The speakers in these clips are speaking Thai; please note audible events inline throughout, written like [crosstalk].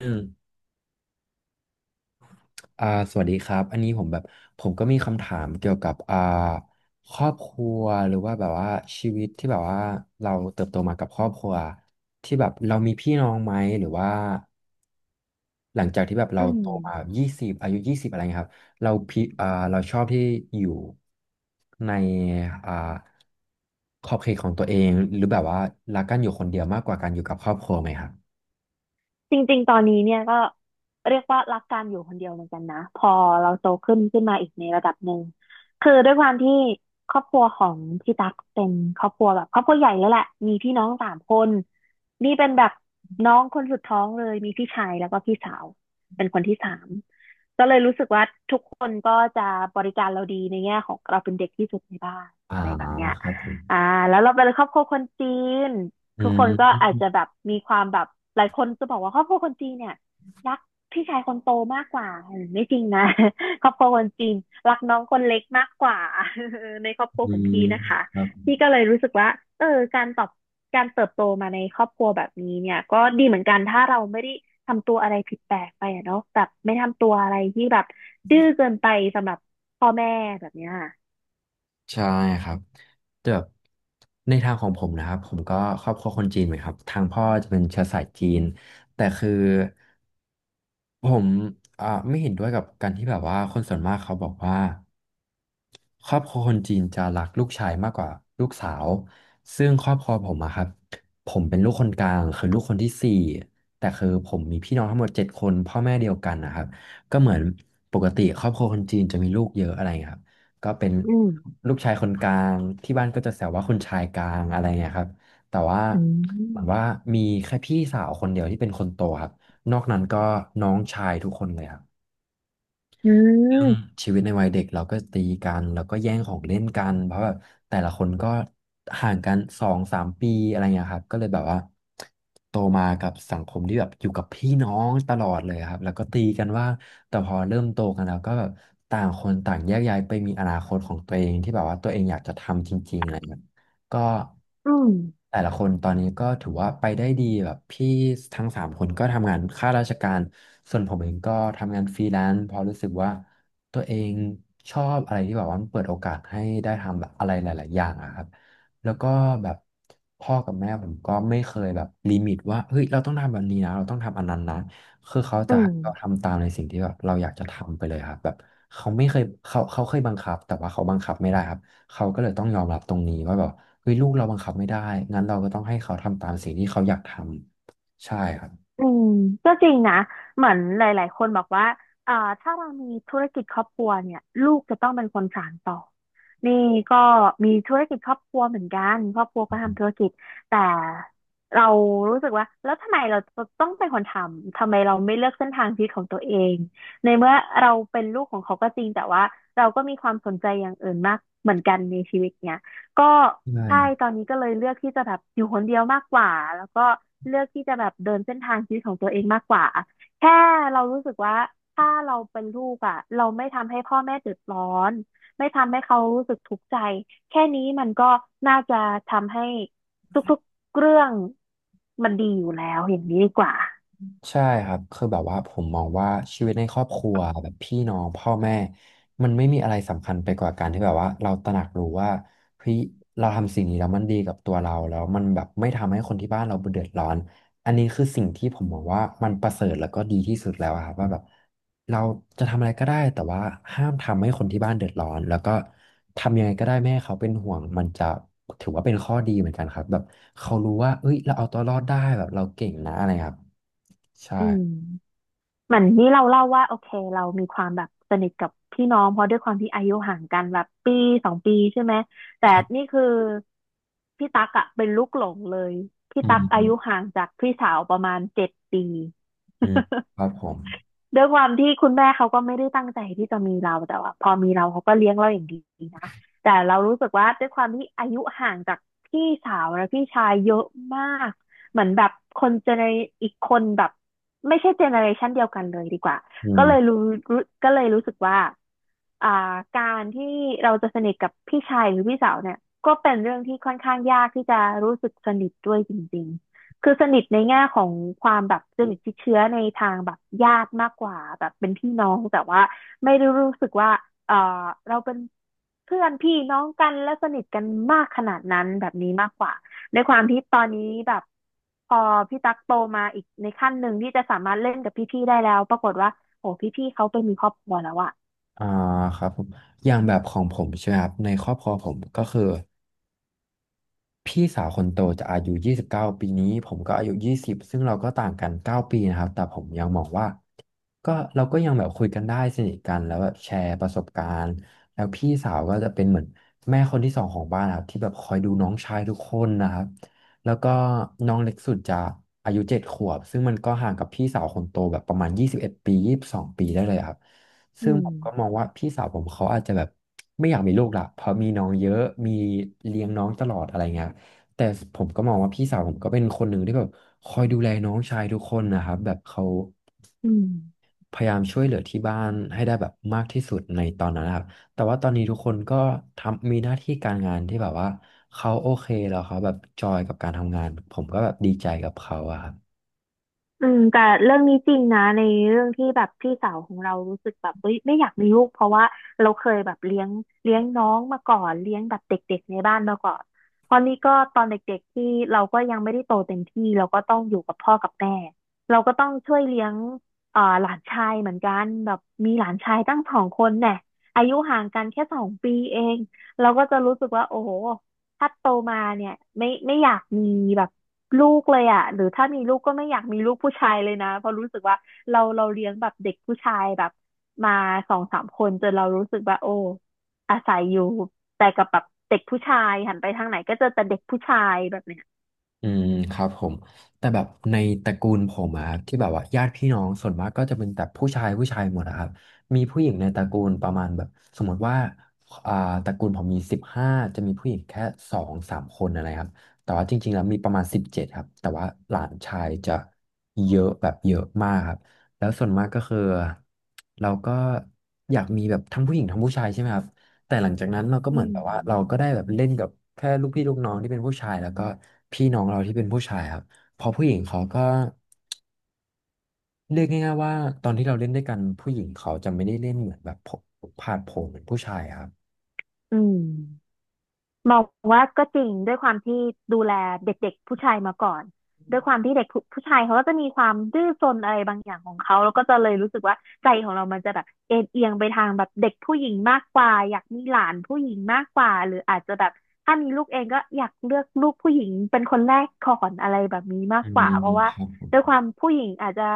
อืมสวัสดีครับอันนี้ผมแบบผมก็มีคำถามเกี่ยวกับครอบครัวหรือว่าแบบว่าชีวิตที่แบบว่าเราเติบโตมากับครอบครัวที่แบบเรามีพี่น้องไหมหรือว่าหลังจากที่แบบอืเรามโตมายี่สิบอายุยี่สิบอะไรเงี้ยครับเราชอบที่อยู่ในอ่าขอบเขตของตัวเองหรือแบบว่ารักกันอยู่คนเดียวมากกว่าการอยู่กับครอบครัวไหมครับจริงๆ ตอนนี้เนี่ยก็เรียกว่ารักการอยู่คนเดียวเหมือนกันนะพอเราโตขึ้นมาอีกในระดับหนึ่งคือด้วยความที่ครอบครัวของพี่ตั๊กเป็นครอบครัวแบบครอบครัวใหญ่แล้วแหละมีพี่น้องสามคนนี่เป็นแบบน้องคนสุดท้องเลยมีพี่ชายแล้วก็พี่สาวเป็นคนที่สามก็เลยรู้สึกว่าทุกคนก็จะบริการเราดีในแง่ของเราเป็นเด็กที่สุดในบ้านอ่าอะไรแบบเนี้ยครับผมอ่าแล้วเราเป็นครอบครัวคนจีน อืทุกคนก็อาจจะมแบบมีความแบบหลายคนจะบอกว่าครอบครัวคนจีนเนี่ยรักพี่ชายคนโตมากกว่าเออไม่จริงนะ [laughs] ครอบครัวคนจีนรักน้องคนเล็กมากกว่า [laughs] ในครอบครัวอืของมพี่นะคะครับ พี่ก็เลยรู้สึกว่าเออการตอบการเติบโตมาในครอบครัวแบบนี้เนี่ยก็ดีเหมือนกันถ้าเราไม่ได้ทำตัวอะไรผิดแปลกไปอะเนาะแบบไม่ทำตัวอะไรที่แบบดื้อเกินไปสำหรับพ่อแม่แบบเนี้ยใช่ครับแต่แบบในทางของผมนะครับผมก็ครอบครัวคนจีนเหมือนครับทางพ่อจะเป็นเชื้อสายจีนแต่คือผมไม่เห็นด้วยกับการที่แบบว่าคนส่วนมากเขาบอกว่า ครอบครัวคนจีนจะรักลูกชายมากกว่าลูกสาวซึ่งครอบครัวผมอะครับผมเป็นลูกคนกลางคือลูกคนที่สี่แต่คือผมมีพี่น้องทั้งหมด7 คนพ่อแม่เดียวกันนะครับก็เหมือนปกติครอบครัวคนจีนจะมีลูกเยอะอะไรเงี้ยครับก็เป็นอืมลูกชายคนกลางที่บ้านก็จะแซวว่าคุณชายกลางอะไรเงี้ยครับแต่ว่าอืเหมือนมว่ามีแค่พี่สาวคนเดียวที่เป็นคนโตครับนอกนั้นก็น้องชายทุกคนเลยครับ อืเรื่องมชีวิตในวัยเด็กเราก็ตีกันแล้วก็แย่งของเล่นกันเพราะแบบแต่ละคนก็ห่างกันสองสามปีอะไรเงี้ยครับก็เลยแบบว่าโตมากับสังคมที่แบบอยู่กับพี่น้องตลอดเลยครับแล้วก็ตีกันว่าแต่พอเริ่มโตกันแล้วก็แบบต่างคนต่างแยกย้ายไปมีอนาคตของตัวเองที่แบบว่าตัวเองอยากจะทำจริงๆอะไรเงี้ยก็อืมแต่ละคนตอนนี้ก็ถือว่าไปได้ดีแบบพี่ทั้ง3 คนก็ทำงานข้าราชการส่วนผมเองก็ทำงานฟรีแลนซ์เพอราะรู้สึกว่า ตัวเองชอบอะไรที่แบบว่ามันเปิดโอกาสให้ได้ทำแบบอะไรหลายๆอย่างอะครับแล้วก็แบบพ่อกับแม่ผมก็ไม่เคยแบบลิมิตว่าเฮ้ยเราต้องทำแบบนี้นะเราต้องทำอันนั้นนะคือเขาอืจะให้ม เราทำตามในสิ่งที่แบบเราอยากจะทำไปเลยครับแบบเขาไม่เคยเขาเขาเคยบังคับแต่ว่าเขาบังคับไม่ได้ครับเขาก็เลยต้องยอมรับตรงนี้ว่าแบบเฮ้ยลูกเราบังคับไม่ได้งั้นเราก็ต้องให้เขาทำตามสิ่งที่เขาอยากทำใช่ครับอืมก็จริงนะเหมือนหลายๆคนบอกว่าเอ่อถ้าเรามีธุรกิจครอบครัวเนี่ยลูกจะต้องเป็นคนสานต่อนี่ก็มีธุรกิจครอบครัวเหมือนกันครอบครัวก็ทำธุรกิจแต่เรารู้สึกว่าแล้วทำไมเราต้องเป็นคนทำทำไมเราไม่เลือกเส้นทางชีวิตของตัวเองในเมื่อเราเป็นลูกของเขาก็จริงแต่ว่าเราก็มีความสนใจอย่างอื่นมากเหมือนกันในชีวิต ก็ใช่ใช่ครับ ตอนนี้ก็เลยเลือกที่จะแบบอยู่คนเดียวมากกว่าแล้วก็เลือกที่จะแบบเดินเส้นทางชีวิตของตัวเองมากกว่าแค่เรารู้สึกว่าถ้าเราเป็นลูกอ่ะเราไม่ทำให้พ่อแม่เดือดร้อนไม่ทำให้เขารู้สึกทุกข์ใจแค่นี้มันก็น่าจะทำให้ทุกๆเรื่องมันดีอยู่แล้วอย่างนี้ดีกว่าใช่ครับคือแบบว่าผมมองว่าชีวิตในครอบครัวแบบพี่น้องพ่อแม่มันไม่มีอะไรสำคัญไปกว่าการที่แบบว่าเราตระหนักรู้ว่าเฮ้ยเราทำสิ่งนี้แล้วมันดีกับตัวเราแล้วมันแบบไม่ทำให้คนที่บ้านเราเดือดร้อน อันนี้คือสิ่งที่ผมบอกว่ามันประเสริฐแล้วก็ดีที่สุดแล้วอะครับว่าแบบเราจะทำอะไรก็ได้แต่ว่าห้ามทำให้คนที่บ้านเดือดร้อนแล้วก็ทำยังไงก็ได้ไม่ให้เขาเป็นห่วงมันจะถือว่าเป็นข้อดีเหมือนกันครับแบบเขารู้ว่าเอ้ยเราเอาตัวรอดได้แบบเราเก่งนะอะไรครับใช่อืม เหมือนนี่เราเล่าว่าโอเคเรามีความแบบสนิทกับพี่น้องเพราะด้วยความที่อายุห่างกันแบบปีสองปีใช่ไหมแต่นี่ใช่คือพี่ตั๊กอะเป็นลูกหลงเลยพี่อืตั๊กอายุมห่างจากพี่สาวประมาณ7 ปี อืมครับผมด้วยความที่คุณแม่เขาก็ไม่ได้ตั้งใจที่จะมีเราแต่ว่าพอมีเราเขาก็เลี้ยงเราอย่างดีนะแต่เรารู้สึกว่าด้วยความที่อายุห่างจากพี่สาวและพี่ชายเยอะมากเหมือนแบบคนเจเนอีกคนแบบไม่ใช่เจเนอเรชันเดียวกันเลยดีกว่าอืก็เลยมรู้รู้สึกว่าอ่าการที่เราจะสนิทกับพี่ชายหรือพี่สาวเนี่ยก็เป็นเรื่องที่ค่อนข้างยากที่จะรู้สึกสนิทด้วยจริง คือสนิทในแง่ของความแบบสนิทชิดเชื้อในทางแบบญาติมากกว่าแบบเป็นพี่น้องแต่ว่าไม่ได้รู้สึกว่าเออเราเป็นเพื่อนพี่น้องกันและสนิทกันมากขนาดนั้นแบบนี้มากกว่าในความที่ตอนนี้แบบพอพี่ตั๊กโตมาอีกในขั้นหนึ่งที่จะสามารถเล่นกับพี่ๆได้แล้วปรากฏว่าโอ้พี่ๆเขาไปมีครอบครัวแล้วอะอ่าครับผมอย่างแบบของผมใช่ไหมครับในครอบครัวผมก็คือ พี่สาวคนโตจะอายุ29ปีนี้ผมก็อายุ20ซึ่งเราก็ต่างกัน9ปีนะครับแต่ผมยังมองว่าก็เราก็ยังแบบคุยกันได้สนิทกันแล้วแบบแชร์ประสบการณ์แล้วพี่สาวก็จะเป็นเหมือนแม่คนที่สองของบ้านนะครับที่แบบคอยดูน้องชายทุกคนนะครับแล้วก็น้องเล็กสุดจะอายุ7ขวบซึ่งมันก็ห่างกับพี่สาวคนโตแบบประมาณ21ปียี่สิบสองปีได้เลยครับอืซึ่งมผมก็มองว่าพี่สาวผมเขาอาจจะแบบไม่อยากมีลูกละเพราะมีน้องเยอะมีเลี้ยงน้องตลอดอะไรเงี้ย แต่ผมก็มองว่าพี่สาวผมก็เป็นคนหนึ่งที่แบบคอยดูแลน้องชายทุกคนนะครับแบบเขาอืม พยายามช่วยเหลือที่บ้านให้ได้แบบมากที่สุดในตอนนั้นนะครับแต่ว่าตอนนี้ทุกคนก็ทำมีหน้าที่การงานที่แบบว่าเขาโอเคแล้วเขาแบบจอยกับการทำงานผมก็แบบดีใจกับเขาอะครับ อืมแต่เรื่องนี้จริงนะในเรื่องที่แบบพี่สาวของเรารู้สึกแบบเฮ้ยไม่อยากมีลูกเพราะว่าเราเคยแบบเลี้ยงน้องมาก่อนเลี้ยงแบบเด็กๆในบ้านมาก่อนตอนนี้ก็ตอนเด็กๆที่เราก็ยังไม่ได้โตเต็มที่เราก็ต้องอยู่กับพ่อกับแม่เราก็ต้องช่วยเลี้ยงหลานชายเหมือนกันแบบมีหลานชายตั้ง2 คนเนี่ยอายุห่างกันแค่สองปีเองเราก็จะรู้สึกว่าโอ้โหถ้าโตมาเนี่ยไม่อยากมีแบบ ลูกเลยอ่ะหรือถ้ามีลูกก็ไม่อยากมีลูกผู้ชายเลยนะ เพราะรู้สึกว่าเราเลี้ยงแบบเด็กผู้ชายแบบมา2-3 คนจนเรารู้สึกว่าโอ้อาศัยอยู่แต่กับแบบเด็กผู้ชายหันไปทางไหนก็เจอแต่เด็กผู้ชายแบบเนี้ยอืมครับผมแต่แบบในตระกูลผมอะครับที่แบบว่าญาติพี่น้องส่วนมากก็จะเป็นแต่ผู้ชายหมดอะครับมีผู้หญิงในตระกูลประมาณแบบสมมติว่าอ่าตระกูลผมมี15จะมีผู้หญิงแค่2-3 คนอะไรครับแต่ว่าจริงๆแล้วมีประมาณ17ครับแต่ว่าหลานชายจะเยอะแบบเยอะมากครับแล้วส่วนมากก็คือเราก็อยากมีแบบทั้งผู้หญิงทั้งผู้ชายใช่ไหมครับ แต่หลังจากนั้นเราก็อืเหมือนแบบว่าเรามก็ได้แบบเล่นกับแค่ลูกพี่ลูกน้องที่เป็นผู้ชายแล้วก็พี่น้องเราที่เป็นผู้ชายครับเพอผู้หญิงเขาก็เรียกง่ายๆว่าตอนที่เราเล่นด้วยกันผู้หญิงเขาจะไม่ได้เล่นเหมือนแบบผาดโผนเหมือนผู้ชายครับอืม มองว่าก็จริงด้วยความที่ดูแลเด็กๆผู้ชายมาก่อนด้วยความที่เด็กผู้ชายเขาก็จะมีความดื้อซนอะไรบางอย่างของเขาแล้วก็จะเลยรู้สึกว่าใจของเรามันจะแบบเอ็นเอียงไปทางแบบเด็กผู้หญิงมากกว่าอยากมีหลานผู้หญิงมากกว่าหรืออาจจะแบบถ้ามีลูกเองก็อยากเลือกลูกผู้หญิงเป็นคนแรกก่อนอะไรแบบนี้มาอืกกว่าเพมราะว่าครับผมด้วยความผู้หญิงอาจจะ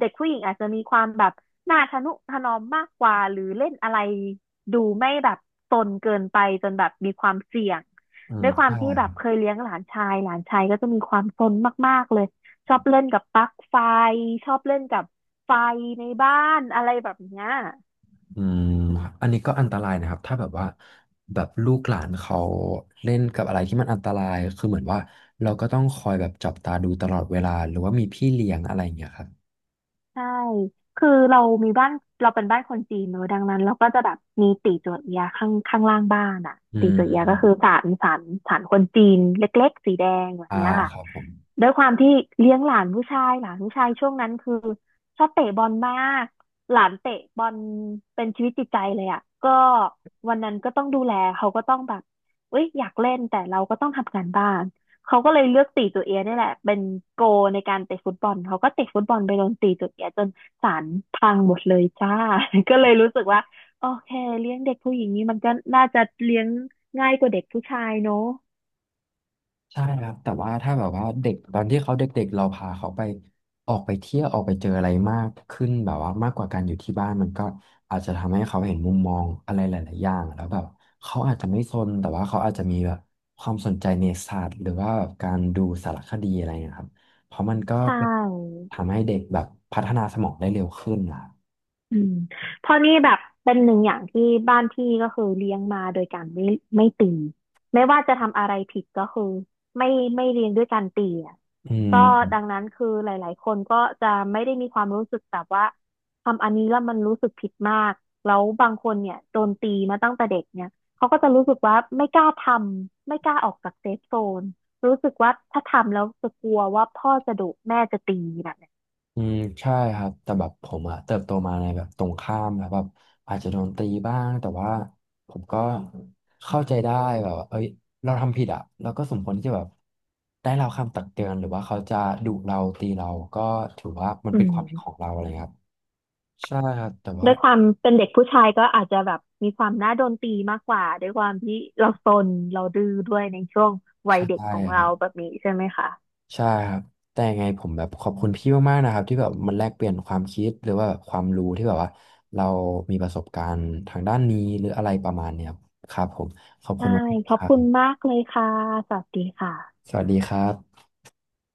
เด็กผู้หญิงอาจจะมีความแบบหน้าทะนุถนอมมากกว่าหรือเล่นอะไร ดูไม่แบบซนเกินไปจนแบบมีความเสี่ยงอืด้มวยความใช่ที่แบครับบเคยเลี้ยงหลานชายก็จะมีความซนมากๆเลยชอบเล่นกับปลั๊กไฟชอบเล่นกับไฟในบ้านอะไรแบบเนี้ย อืมครับอันนี้ก็อันตรายนะครับถ้าแบบว่าแบบลูกหลานเขาเล่นกับอะไรที่มันอันตรายคือเหมือนว่าเราก็ต้องคอยแบบจับตาดูตลอดเวลาหรือว่ามีพี่เลี้ยงอะไรอย่างเงี้ยครับใช่ คือเรามีบ้านเราเป็นบ้านคนจีนเนอะดังนั้นเราก็จะแบบมีตีจั่วเอียข้างล่างบ้านอ่ะอืตีมจั่วเอียก็คือศาลคนจีนเล็กๆสีแดงแบบอ่าเนี้ยค่ะครับผม ด้วยความที่เลี้ยงหลานผู้ชายช่วงนั้นคือชอบเตะบอลมากหลานเตะบอลเป็นชีวิตจิตใจเลยอ่ะก็วันนั้นก็ต้องดูแลเขาก็ต้องแบบเอ้ยอยากเล่นแต่เราก็ต้องทำงานบ้าน เขาก็เลยเลือกตีตัวเอียดนี่ยแหละ เป็นโกในการเตะฟุตบอลเขาก็เตะฟุตบอลไปโดนตีตัวเอียจนศาลพังหมดเลยจ้า [laughs] ก็เลยรู้สึกว่าโอเคเลี้ยงเด็กผู้หญิงนี้มันก็น่าจะเลี้ยงง่ายกว่าเด็กผู้ชายเนอะใช่ครับแต่ว่าถ้าแบบว่าเด็กตอนที่เขาเด็กๆเราพาเขาไปออกไปเที่ยวออกไปเจออะไรมากขึ้นแบบว่ามากกว่าการอยู่ที่บ้านมันก็อาจจะทำให้เขาเห็นมุมมองอะไรหลายๆอย่างแล้วแบบเขาอาจจะไม่ซนแต่ว่าเขาอาจจะมีแบบความสนใจในศาสตร์หรือว่าแบบการดูสารคดีอะไรนะครับเพราะมันก็ใช่ เป็นทำให้เด็กแบบพัฒนาสมองได้เร็วขึ้นนะครับอืมเพราะนี่แบบเป็นหนึ่งอย่างที่บ้านพี่ก็คือเลี้ยงมาโดยการไม่ตีไม่ว่าจะทำอะไรผิดก็คือไม่ไม่เลี้ยงด้วยการตีอ่ะอืก็ม ดังนั้นคือหลายๆคนก็จะไม่ได้มีความรู้สึกแบบว่าทำอันนี้แล้วมันรู้สึกผิดมากแล้วบางคนเนี่ยโดนตีมาตั้งแต่เด็กเนี่ยเขาก็จะรู้สึกว่าไม่กล้าทำไม่กล้าออกจากเซฟโซนรู้สึกว่าถ้าทำแล้วจะกลัวว่าพ่อจะดุแม่จะตีแบบเนี้ยอืมใช่ครับแต่แบบผมอะเติบโตมาในแบบตรงข้ามแล้วแบบอาจจะโดนตีบ้างแต่ว่าผมก็เข้าใจได้แบบว่าเอ้ยเราทำผิดอะเราก็สมควรที่จะแบบได้เราคำตักเตือนหรือว่าเขาจะดุเราตีเราก็ถือว่ามันอืเป็นความผิดของม เราอะไรครับใช่ครับแต่ด้ว่าวยความเป็นเด็กผู้ชายก็อาจจะแบบมีความน่าโดนตีมากกว่าด้วยความที่เราซนเราดื้อด้วยในช่วงวัใชยเด็ก่ของคเรารัแบบ บนี้ใช่ไหมคะใช่ครับแต่ยังไงผมแบบขอบคุณพี่มากๆนะครับที่แบบมันแลกเปลี่ยนความคิดหรือว่าแบบความรู้ที่แบบว่าเรามีประสบการณ์ทางด้านนี้หรืออะไรประมาณเนี้ยครับครับผมขอบคุใช่ณมากขๆอคบรับคุณมากเลยค่ะสวัสดีค่ะสวัสดีครับ